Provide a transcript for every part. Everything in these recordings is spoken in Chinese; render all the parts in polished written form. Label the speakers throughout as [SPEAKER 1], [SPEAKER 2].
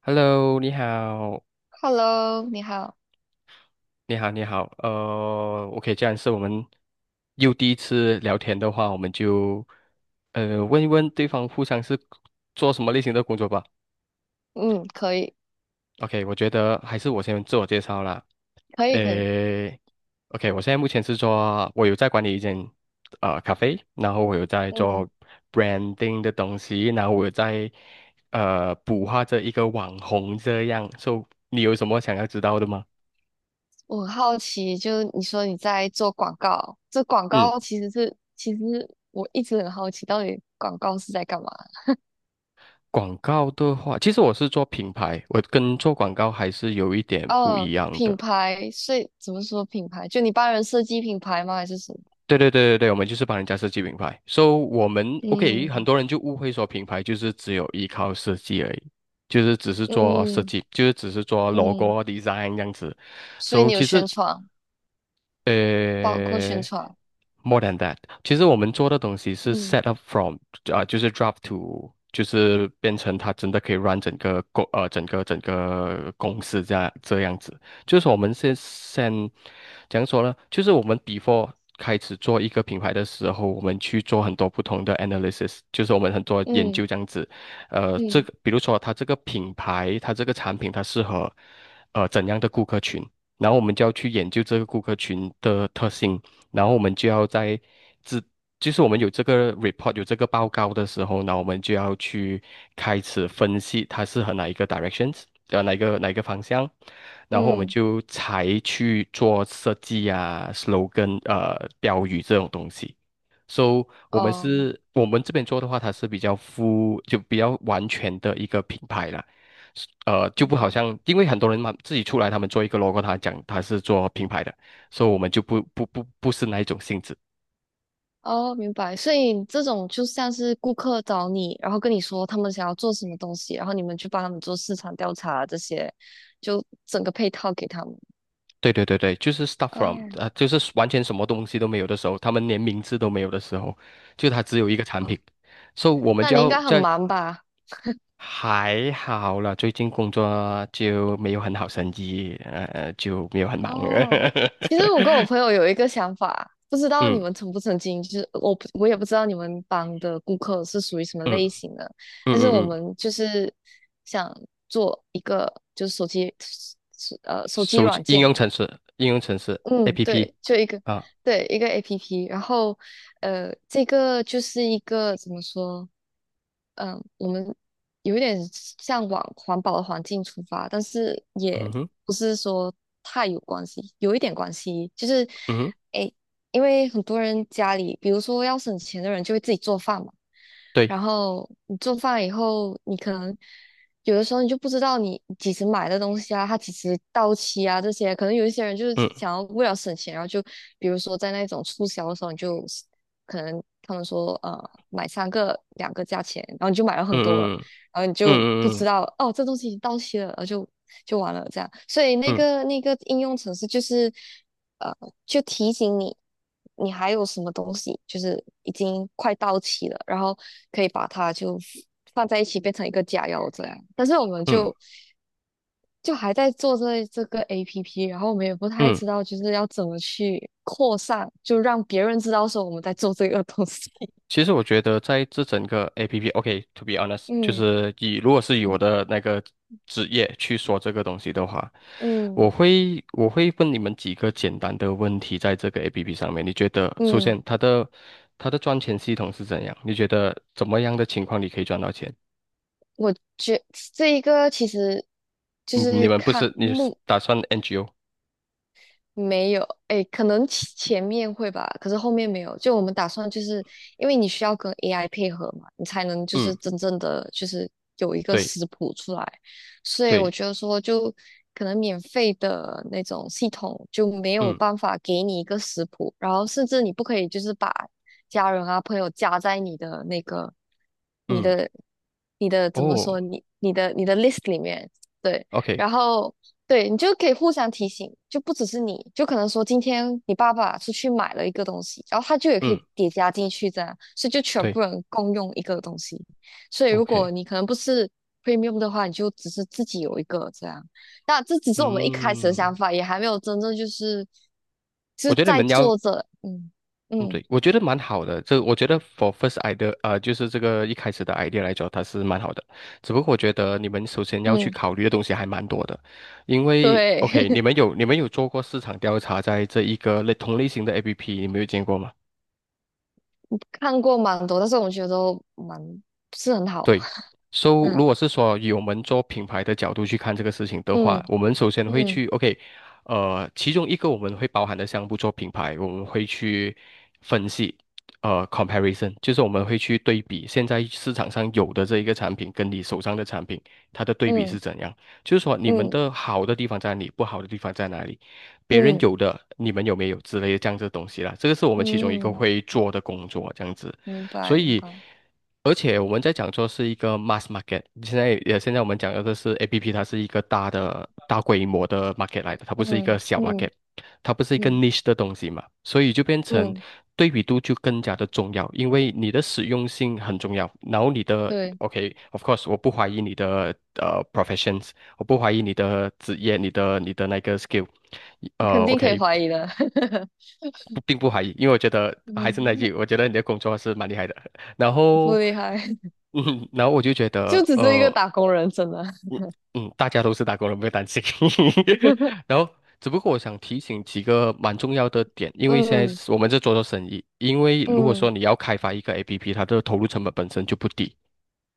[SPEAKER 1] Hello,你好，
[SPEAKER 2] Hello，你好。
[SPEAKER 1] 你好，你好，呃，OK,这样是我们又第一次聊天的话，我们就问一问对方互相是做什么类型的工作吧。
[SPEAKER 2] 嗯，可以，
[SPEAKER 1] OK,我觉得还是我先自我介绍啦。
[SPEAKER 2] 可以，可以。
[SPEAKER 1] 诶，OK,我现在目前是做，我有在管理一间咖啡，然后我有在
[SPEAKER 2] 嗯，
[SPEAKER 1] 做 branding 的东西，然后我有在捕获着一个网红这样。So,你有什么想要知道的吗？
[SPEAKER 2] 我很好奇，就是你说你在做广告，这广
[SPEAKER 1] 嗯。
[SPEAKER 2] 告其实是，其实我一直很好奇，到底广告是在干嘛？
[SPEAKER 1] 广告的话，其实我是做品牌，我跟做广告还是有一点不
[SPEAKER 2] 哦，
[SPEAKER 1] 一样
[SPEAKER 2] 品
[SPEAKER 1] 的。
[SPEAKER 2] 牌，所以怎么说品牌？就你帮人设计品牌吗？还是什么？
[SPEAKER 1] 对对对对对，我们就是帮人家设计品牌。So 我们 OK,很
[SPEAKER 2] 嗯
[SPEAKER 1] 多人就误会说品牌就是只有依靠设计而已，就是只是做设
[SPEAKER 2] 嗯
[SPEAKER 1] 计，就是只是做 logo
[SPEAKER 2] 嗯，
[SPEAKER 1] 啊 design 这样子。
[SPEAKER 2] 所以
[SPEAKER 1] So
[SPEAKER 2] 你有
[SPEAKER 1] 其实
[SPEAKER 2] 宣传，包括
[SPEAKER 1] 呃
[SPEAKER 2] 宣传。
[SPEAKER 1] ，more than that,其实我们做的东西是
[SPEAKER 2] 嗯
[SPEAKER 1] set up from 啊、就是 drop to,就是变成它真的可以 run 整个整个公司这样子。就是说我们先怎样说呢？就是我们 before 开始做一个品牌的时候，我们去做很多不同的 analysis,就是我们很多研
[SPEAKER 2] 嗯
[SPEAKER 1] 究这样子。这
[SPEAKER 2] 嗯
[SPEAKER 1] 个比如说它这个品牌，它这个产品它适合怎样的顾客群。然后我们就要去研究这个顾客群的特性，然后我们就要在自，就是我们有这个 report 有这个报告的时候，那我们就要去开始分析它适合哪一个 directions,哪一个方向，然后我们
[SPEAKER 2] 嗯，
[SPEAKER 1] 才去做设计啊、slogan 标语这种东西。So,我们
[SPEAKER 2] 哦，
[SPEAKER 1] 是，我们这边做的话，它是比较 比较完全的一个品牌啦。是就
[SPEAKER 2] 明
[SPEAKER 1] 不好
[SPEAKER 2] 白。
[SPEAKER 1] 像，因为很多人嘛，自己出来，他们做一个 logo,他讲他是做品牌的，所以我们就不是那一种性质。
[SPEAKER 2] 哦，明白。所以这种就像是顾客找你，然后跟你说他们想要做什么东西，然后你们去帮他们做市场调查这些，就整个配套给他们。
[SPEAKER 1] 对对对对，就是 start from,
[SPEAKER 2] 哦，
[SPEAKER 1] 就是完全什么东西都没有的时候，他们连名字都没有的时候，就它只有一个产品。
[SPEAKER 2] 好，
[SPEAKER 1] 所以，我们
[SPEAKER 2] 那
[SPEAKER 1] 就
[SPEAKER 2] 你应
[SPEAKER 1] 要
[SPEAKER 2] 该很
[SPEAKER 1] 在
[SPEAKER 2] 忙吧？
[SPEAKER 1] 还好了，最近工作就没有很好生意，就没有很忙。
[SPEAKER 2] 哦，其实我跟我朋友有一个想法，不知道你
[SPEAKER 1] 嗯
[SPEAKER 2] 们曾不曾经，就是我也不知道你们帮的顾客是属于什么
[SPEAKER 1] 嗯
[SPEAKER 2] 类型的，
[SPEAKER 1] 嗯
[SPEAKER 2] 但是我
[SPEAKER 1] 嗯嗯，
[SPEAKER 2] 们就是想做一个就是手机
[SPEAKER 1] 手机
[SPEAKER 2] 软
[SPEAKER 1] 应
[SPEAKER 2] 件。
[SPEAKER 1] 用程式，应用程式
[SPEAKER 2] 嗯，
[SPEAKER 1] APP
[SPEAKER 2] 对，就一个，
[SPEAKER 1] 啊，
[SPEAKER 2] 对，一个 APP，然后，这个就是一个怎么说？嗯，我们有一点向往环保的环境出发，但是也
[SPEAKER 1] 嗯哼
[SPEAKER 2] 不是说太有关系，有一点关系，就是，
[SPEAKER 1] 嗯哼，
[SPEAKER 2] 诶，因为很多人家里，比如说要省钱的人就会自己做饭嘛，
[SPEAKER 1] 对，
[SPEAKER 2] 然后你做饭以后，你可能有的时候你就不知道你几时买的东西啊，它几时到期啊，这些可能有一些人就是
[SPEAKER 1] 嗯
[SPEAKER 2] 想要为了省钱，然后就比如说在那种促销的时候，你就可能他们说买三个两个价钱，然后你就买了很多了，
[SPEAKER 1] 嗯
[SPEAKER 2] 然后你
[SPEAKER 1] 嗯
[SPEAKER 2] 就不
[SPEAKER 1] 嗯
[SPEAKER 2] 知
[SPEAKER 1] 嗯
[SPEAKER 2] 道哦这东西已经到期了，然后就完了这样。所以那
[SPEAKER 1] 嗯
[SPEAKER 2] 个那个应用程式就是呃就提醒你你还有什么东西就是已经快到期了，然后可以把它就放在一起变成一个假药这样。但是我们
[SPEAKER 1] 嗯嗯
[SPEAKER 2] 就还在做这个 APP，然后我们也不太
[SPEAKER 1] 嗯，
[SPEAKER 2] 知道就是要怎么去扩散，就让别人知道说我们在做这个东西。
[SPEAKER 1] 其实我觉得在这整个 APP,OK,to be honest,就
[SPEAKER 2] 嗯
[SPEAKER 1] 是以如果是以我的那个职业去说这个东西的话，我
[SPEAKER 2] 嗯
[SPEAKER 1] 会我会问你们几个简单的问题，在这个 APP 上面，你觉得首
[SPEAKER 2] 嗯，
[SPEAKER 1] 先它的赚钱系统是怎样？你觉得怎么样的情况你可以赚到钱？
[SPEAKER 2] 我觉这一个其实就
[SPEAKER 1] 嗯你
[SPEAKER 2] 是
[SPEAKER 1] 们不是，你是打算 NGO?
[SPEAKER 2] 没有，哎，可能前面会吧，可是后面没有。就我们打算，就是因为你需要跟 AI 配合嘛，你才能就是
[SPEAKER 1] 嗯，
[SPEAKER 2] 真正的就是有一个
[SPEAKER 1] 对
[SPEAKER 2] 食谱出来。所以我
[SPEAKER 1] 对，
[SPEAKER 2] 觉得说，就可能免费的那种系统就没有
[SPEAKER 1] 嗯
[SPEAKER 2] 办法给你一个食谱，然后甚至你不可以就是把家人啊朋友加在你的那个你
[SPEAKER 1] 嗯，
[SPEAKER 2] 的你的怎么
[SPEAKER 1] 哦
[SPEAKER 2] 说你的 list 里面，对。
[SPEAKER 1] ，OK,
[SPEAKER 2] 然后对你就可以互相提醒，就不只是你，就可能说今天你爸爸出去买了一个东西，然后他就也可以
[SPEAKER 1] 嗯，
[SPEAKER 2] 叠加进去这样，所以就全部
[SPEAKER 1] 对
[SPEAKER 2] 人共用一个东西。所以如果
[SPEAKER 1] ，OK,
[SPEAKER 2] 你可能不是 premium 的话，你就只是自己有一个这样。那这只是我们一开始的
[SPEAKER 1] 嗯，
[SPEAKER 2] 想法，也还没有真正就是就
[SPEAKER 1] 我
[SPEAKER 2] 是
[SPEAKER 1] 觉得你
[SPEAKER 2] 在
[SPEAKER 1] 们要，
[SPEAKER 2] 做着，嗯
[SPEAKER 1] 嗯，
[SPEAKER 2] 嗯
[SPEAKER 1] 对，我觉得蛮好的。这我觉得 for first idea,就是这个一开始的 idea 来讲，它是蛮好的。只不过我觉得你们首先要去
[SPEAKER 2] 嗯，
[SPEAKER 1] 考虑的东西还蛮多的，因为
[SPEAKER 2] 对，
[SPEAKER 1] OK,你们有做过市场调查，在这一个类同类型的 APP,你们有见过吗？
[SPEAKER 2] 看过蛮多，但是我们觉得都蛮不是很好，
[SPEAKER 1] 对，so
[SPEAKER 2] 嗯
[SPEAKER 1] 如果是说以我们做品牌的角度去看这个事情的话，
[SPEAKER 2] 嗯
[SPEAKER 1] 我们首先会
[SPEAKER 2] 嗯
[SPEAKER 1] 去 OK,其中一个我们会包含的项目做品牌，我们会去分析，comparison,就是我们会去对比现在市场上有的这一个产品跟你手上的产品，它的对比是
[SPEAKER 2] 嗯
[SPEAKER 1] 怎样，就是说你们
[SPEAKER 2] 嗯。
[SPEAKER 1] 的好的地方在哪里，不好的地方在哪里，别人
[SPEAKER 2] 嗯
[SPEAKER 1] 有的你们有没有之类的这样子的东西啦，这个是我们其中一个
[SPEAKER 2] 嗯，
[SPEAKER 1] 会做的工作，这样子。
[SPEAKER 2] 明
[SPEAKER 1] 所
[SPEAKER 2] 白明
[SPEAKER 1] 以
[SPEAKER 2] 白，
[SPEAKER 1] 而且我们在讲说是一个 mass market,现在我们讲的这是 APP,它是一个大规模的 market 来的，它不是一个
[SPEAKER 2] 嗯
[SPEAKER 1] 小 market,
[SPEAKER 2] 嗯
[SPEAKER 1] 它不是一个
[SPEAKER 2] 嗯
[SPEAKER 1] niche 的东西嘛，所以就变成
[SPEAKER 2] 嗯，
[SPEAKER 1] 对比度就更加的重要，因为你的实用性很重要，然后你的
[SPEAKER 2] 对，
[SPEAKER 1] OK,of course,我不怀疑你的professions,我不怀疑你的职业，你的那个 skill,
[SPEAKER 2] 你
[SPEAKER 1] 呃
[SPEAKER 2] 肯定可以
[SPEAKER 1] OK。
[SPEAKER 2] 怀疑的，
[SPEAKER 1] 不并不怀疑，因为我觉得还是那
[SPEAKER 2] 嗯，
[SPEAKER 1] 句，我觉得你的工作是蛮厉害的。然
[SPEAKER 2] 不
[SPEAKER 1] 后，
[SPEAKER 2] 厉害，
[SPEAKER 1] 然后我就觉
[SPEAKER 2] 就
[SPEAKER 1] 得，
[SPEAKER 2] 只是一个打工人，真的，
[SPEAKER 1] 嗯大家都是打工人，不要担心。然后，只不过我想提醒几个蛮重要的点，因为现在
[SPEAKER 2] 嗯
[SPEAKER 1] 是我们在做做生意，因为如果
[SPEAKER 2] 嗯，
[SPEAKER 1] 说你要开发一个 APP,它的投入成本本身就不低，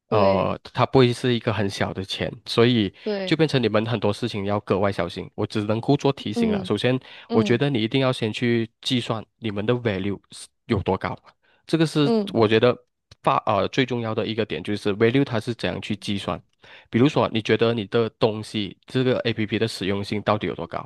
[SPEAKER 2] 对
[SPEAKER 1] 它不会是一个很小的钱，所以就
[SPEAKER 2] 对，
[SPEAKER 1] 变成你们很多事情要格外小心。我只能够做提醒了。
[SPEAKER 2] 嗯
[SPEAKER 1] 首先，我觉
[SPEAKER 2] 嗯
[SPEAKER 1] 得你一定要先去计算你们的 value 是有多高，这个是
[SPEAKER 2] 嗯，
[SPEAKER 1] 我觉得最重要的一个点，就是 value 它是怎样去计算。比如说，你觉得你的东西这个 APP 的实用性到底有多高？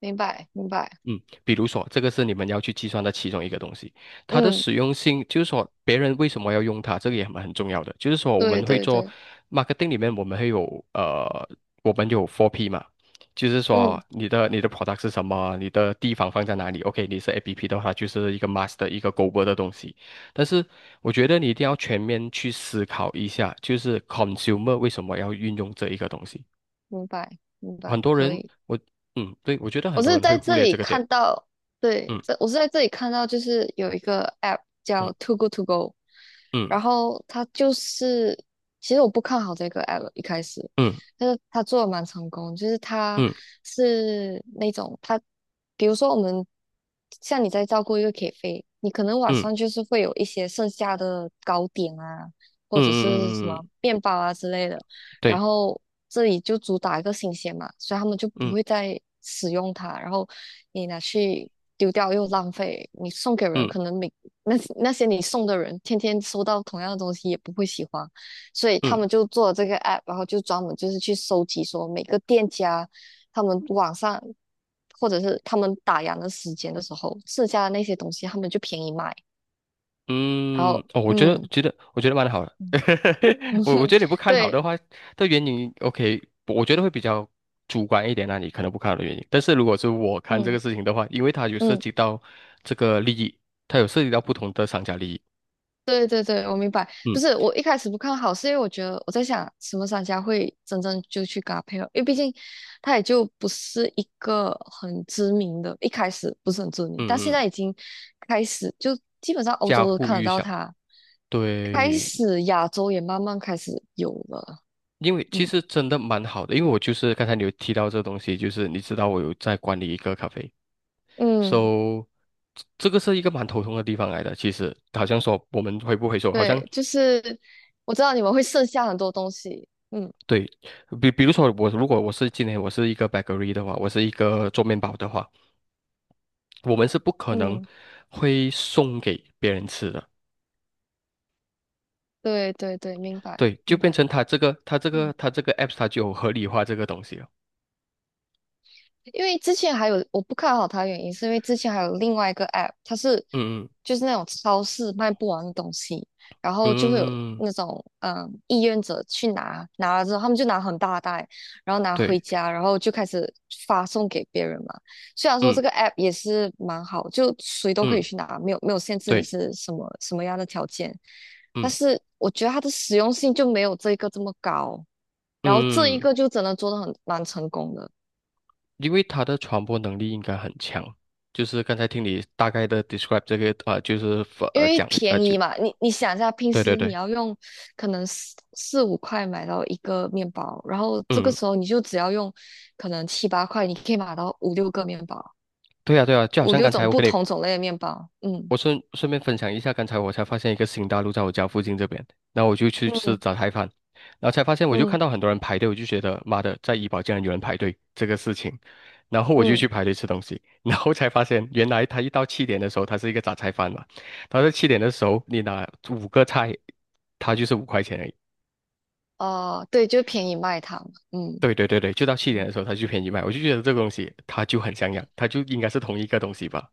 [SPEAKER 2] 明白明白，
[SPEAKER 1] 嗯，比如说，这个是你们要去计算的其中一个东西，它的
[SPEAKER 2] 嗯，
[SPEAKER 1] 使用性，就是说别人为什么要用它，这个也蛮很重要的。就是说，我
[SPEAKER 2] 对
[SPEAKER 1] 们会
[SPEAKER 2] 对
[SPEAKER 1] 做
[SPEAKER 2] 对，
[SPEAKER 1] marketing 里面，我们会有呃，我们有 four p 嘛，就是
[SPEAKER 2] 嗯，
[SPEAKER 1] 说你的 product 是什么，你的地方放在哪里。OK,你是 APP 的话，就是一个 mass 的一个 global 的东西。但是我觉得你一定要全面去思考一下，就是 consumer 为什么要运用这一个东西。
[SPEAKER 2] 明白明
[SPEAKER 1] 很
[SPEAKER 2] 白，
[SPEAKER 1] 多
[SPEAKER 2] 可
[SPEAKER 1] 人，
[SPEAKER 2] 以。
[SPEAKER 1] 我对，我觉得很
[SPEAKER 2] 我
[SPEAKER 1] 多
[SPEAKER 2] 是
[SPEAKER 1] 人会
[SPEAKER 2] 在
[SPEAKER 1] 忽
[SPEAKER 2] 这
[SPEAKER 1] 略
[SPEAKER 2] 里
[SPEAKER 1] 这个点。
[SPEAKER 2] 看到，对，
[SPEAKER 1] 嗯。嗯。
[SPEAKER 2] 这我是在这里看到，就是有一个 app 叫 t o g o To Go，
[SPEAKER 1] 嗯
[SPEAKER 2] 然后它就是，其实我不看好这个 app 一开始，
[SPEAKER 1] 嗯
[SPEAKER 2] 但是它做的蛮成功，就是它
[SPEAKER 1] 嗯
[SPEAKER 2] 是那种它，比如说我们像你在照顾一个 K 飞，你可能晚
[SPEAKER 1] 嗯
[SPEAKER 2] 上就是会有一些剩下的糕点啊，
[SPEAKER 1] 嗯
[SPEAKER 2] 或者是什
[SPEAKER 1] 嗯嗯
[SPEAKER 2] 么
[SPEAKER 1] 嗯，
[SPEAKER 2] 面包啊之类的。然
[SPEAKER 1] 对，
[SPEAKER 2] 后这里就主打一个新鲜嘛，所以他们就不
[SPEAKER 1] 嗯
[SPEAKER 2] 会再使用它。然后你拿去丢掉又浪费，你送给人
[SPEAKER 1] 嗯
[SPEAKER 2] 可能那那些你送的人天天收到同样的东西也不会喜欢，所以他
[SPEAKER 1] 嗯
[SPEAKER 2] 们就做了这个 app，然后就专门就是去收集说每个店家他们网上或者是他们打烊的时间的时候剩下的那些东西，他们就便宜卖。然
[SPEAKER 1] 嗯，
[SPEAKER 2] 后
[SPEAKER 1] 哦，
[SPEAKER 2] 嗯
[SPEAKER 1] 我觉得蛮好的，
[SPEAKER 2] 嗯
[SPEAKER 1] 我
[SPEAKER 2] 哼，
[SPEAKER 1] 觉得你不看好的
[SPEAKER 2] 对
[SPEAKER 1] 话，的原因，OK,我觉得会比较主观一点那、你可能不看好的原因，但是如果是我看这个
[SPEAKER 2] 嗯
[SPEAKER 1] 事情的话，因为它有涉
[SPEAKER 2] 嗯。
[SPEAKER 1] 及到这个利益，它有涉及到不同的商家利益，
[SPEAKER 2] 对对对，我明白。不
[SPEAKER 1] 嗯
[SPEAKER 2] 是我一开始不看好，是因为我觉得我在想，什么商家会真正就去搭配合？因为毕竟他也就不是一个很知名的，一开始不是很知名，但现
[SPEAKER 1] 嗯嗯，
[SPEAKER 2] 在已经开始，就基本上欧
[SPEAKER 1] 家喻
[SPEAKER 2] 洲都
[SPEAKER 1] 户
[SPEAKER 2] 看得到
[SPEAKER 1] 晓。
[SPEAKER 2] 他，开
[SPEAKER 1] 对，
[SPEAKER 2] 始亚洲也慢慢开始有了。
[SPEAKER 1] 因为其
[SPEAKER 2] 嗯
[SPEAKER 1] 实真的蛮好的，因为我就是刚才你有提到这东西，就是你知道我有在管理一个咖啡，
[SPEAKER 2] 嗯，
[SPEAKER 1] So,这个是一个蛮头痛的地方来的。其实，好像说我们回不回收，好像
[SPEAKER 2] 对，就是我知道你们会剩下很多东西。嗯
[SPEAKER 1] 对，比如说我如果我是今天我是一个 bakery 的话，我是一个做面包的话，我们是不可能
[SPEAKER 2] 嗯，
[SPEAKER 1] 会送给别人吃的。
[SPEAKER 2] 对对对，明白
[SPEAKER 1] 对，就
[SPEAKER 2] 明
[SPEAKER 1] 变
[SPEAKER 2] 白。
[SPEAKER 1] 成他这个 apps 它就有合理化这个东西了。
[SPEAKER 2] 因为之前还有我不看好它的原因，是因为之前还有另外一个 app，它是
[SPEAKER 1] 嗯
[SPEAKER 2] 就是那种超市卖不完的东西，然后就会有
[SPEAKER 1] 嗯嗯，嗯
[SPEAKER 2] 那种意愿者去拿，拿了之后他们就拿很大袋，然后拿回
[SPEAKER 1] 对，
[SPEAKER 2] 家，然后就开始发送给别人嘛。虽然说
[SPEAKER 1] 嗯
[SPEAKER 2] 这个 app 也是蛮好，就谁都可以
[SPEAKER 1] 嗯
[SPEAKER 2] 去拿，没有没有限制你
[SPEAKER 1] 对，
[SPEAKER 2] 是什么什么样的条件，但
[SPEAKER 1] 嗯
[SPEAKER 2] 是我觉得它的实用性就没有这一个这么高，然后这一
[SPEAKER 1] 嗯。
[SPEAKER 2] 个就真的做的很蛮成功的。
[SPEAKER 1] 因为它的传播能力应该很强，就是刚才听你大概的 describe 这个啊、呃就是
[SPEAKER 2] 因
[SPEAKER 1] 呃
[SPEAKER 2] 为
[SPEAKER 1] 讲啊呃
[SPEAKER 2] 便
[SPEAKER 1] 就
[SPEAKER 2] 宜嘛，你想一下，平
[SPEAKER 1] 对对
[SPEAKER 2] 时你
[SPEAKER 1] 对，
[SPEAKER 2] 要用可能四五块买到一个面包，然后这个
[SPEAKER 1] 嗯，
[SPEAKER 2] 时候你就只要用可能七八块，你可以买到五六个面包，
[SPEAKER 1] 对呀啊对呀啊，就好
[SPEAKER 2] 五
[SPEAKER 1] 像
[SPEAKER 2] 六
[SPEAKER 1] 刚才
[SPEAKER 2] 种
[SPEAKER 1] 我
[SPEAKER 2] 不
[SPEAKER 1] 跟你，
[SPEAKER 2] 同种类的面包。嗯
[SPEAKER 1] 我顺便分享一下，刚才我才发现一个新大陆在我家附近这边，然后我就去吃
[SPEAKER 2] 嗯
[SPEAKER 1] 早菜饭，然后才发现我就看
[SPEAKER 2] 嗯
[SPEAKER 1] 到很多人排队，我就觉得妈的，在怡保竟然有人排队这个事情，然后我就
[SPEAKER 2] 嗯，
[SPEAKER 1] 去排队吃东西，然后才发现原来他1到7点的时候，他是一个杂菜饭嘛，他在七点的时候你拿5个菜，他就是5块钱而已。
[SPEAKER 2] 哦、对，就便宜卖它嘛嗯
[SPEAKER 1] 对对对对，就到去年的
[SPEAKER 2] 嗯，
[SPEAKER 1] 时候，他就便宜卖，我就觉得这个东西他就很像样，他就应该是同一个东西吧。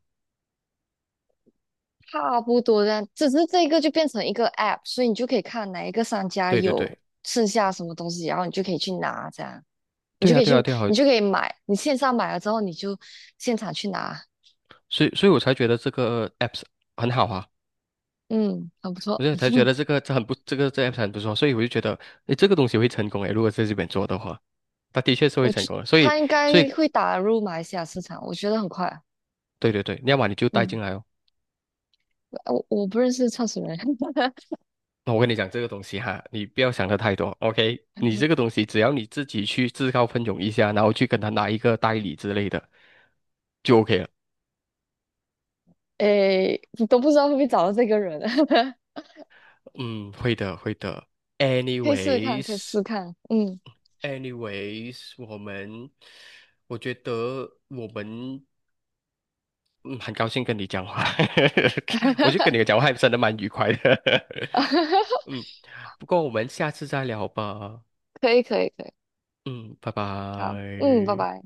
[SPEAKER 2] 差不多这样，只是这个就变成一个 app，所以你就可以看哪一个商家
[SPEAKER 1] 对对
[SPEAKER 2] 有
[SPEAKER 1] 对，
[SPEAKER 2] 剩下什么东西，然后你就可以去拿，这样你
[SPEAKER 1] 对
[SPEAKER 2] 就
[SPEAKER 1] 啊，
[SPEAKER 2] 可以
[SPEAKER 1] 对
[SPEAKER 2] 去，
[SPEAKER 1] 啊，对啊，
[SPEAKER 2] 你就可以买，你线上买了之后，你就现场去拿。
[SPEAKER 1] 所以我才觉得这个 apps 很好啊，
[SPEAKER 2] 嗯，很不错。
[SPEAKER 1] 我就才觉 得这个这 apps 很不错，所以我就觉得，诶，这个东西会成功诶，如果在这边做的话，它的确是会
[SPEAKER 2] 我
[SPEAKER 1] 成
[SPEAKER 2] 觉
[SPEAKER 1] 功的，所以
[SPEAKER 2] 他应
[SPEAKER 1] 所以
[SPEAKER 2] 该会打入马来西亚市场，我觉得很快。
[SPEAKER 1] 对对对，要么你就带进
[SPEAKER 2] 嗯，
[SPEAKER 1] 来哦。
[SPEAKER 2] 我不认识创始人，
[SPEAKER 1] 那我跟你讲这个东西哈，你不要想的太多，OK?你这个 东西只要你自己去自告奋勇一下，然后去跟他拿一个代理之类的，就 OK 了。
[SPEAKER 2] 诶，你都不知道会不会找到这个人，
[SPEAKER 1] 嗯，会的，会的。
[SPEAKER 2] 可以试试看，可以试
[SPEAKER 1] Anyways,anyways,
[SPEAKER 2] 试看。嗯，
[SPEAKER 1] 我们，我觉得我们，嗯，很高兴跟你讲话，我觉得跟你 讲话还真的蛮愉快的。嗯，不过我们下次再聊吧。
[SPEAKER 2] 可以，可以，可以。
[SPEAKER 1] 嗯，拜
[SPEAKER 2] 好，嗯，拜
[SPEAKER 1] 拜。
[SPEAKER 2] 拜。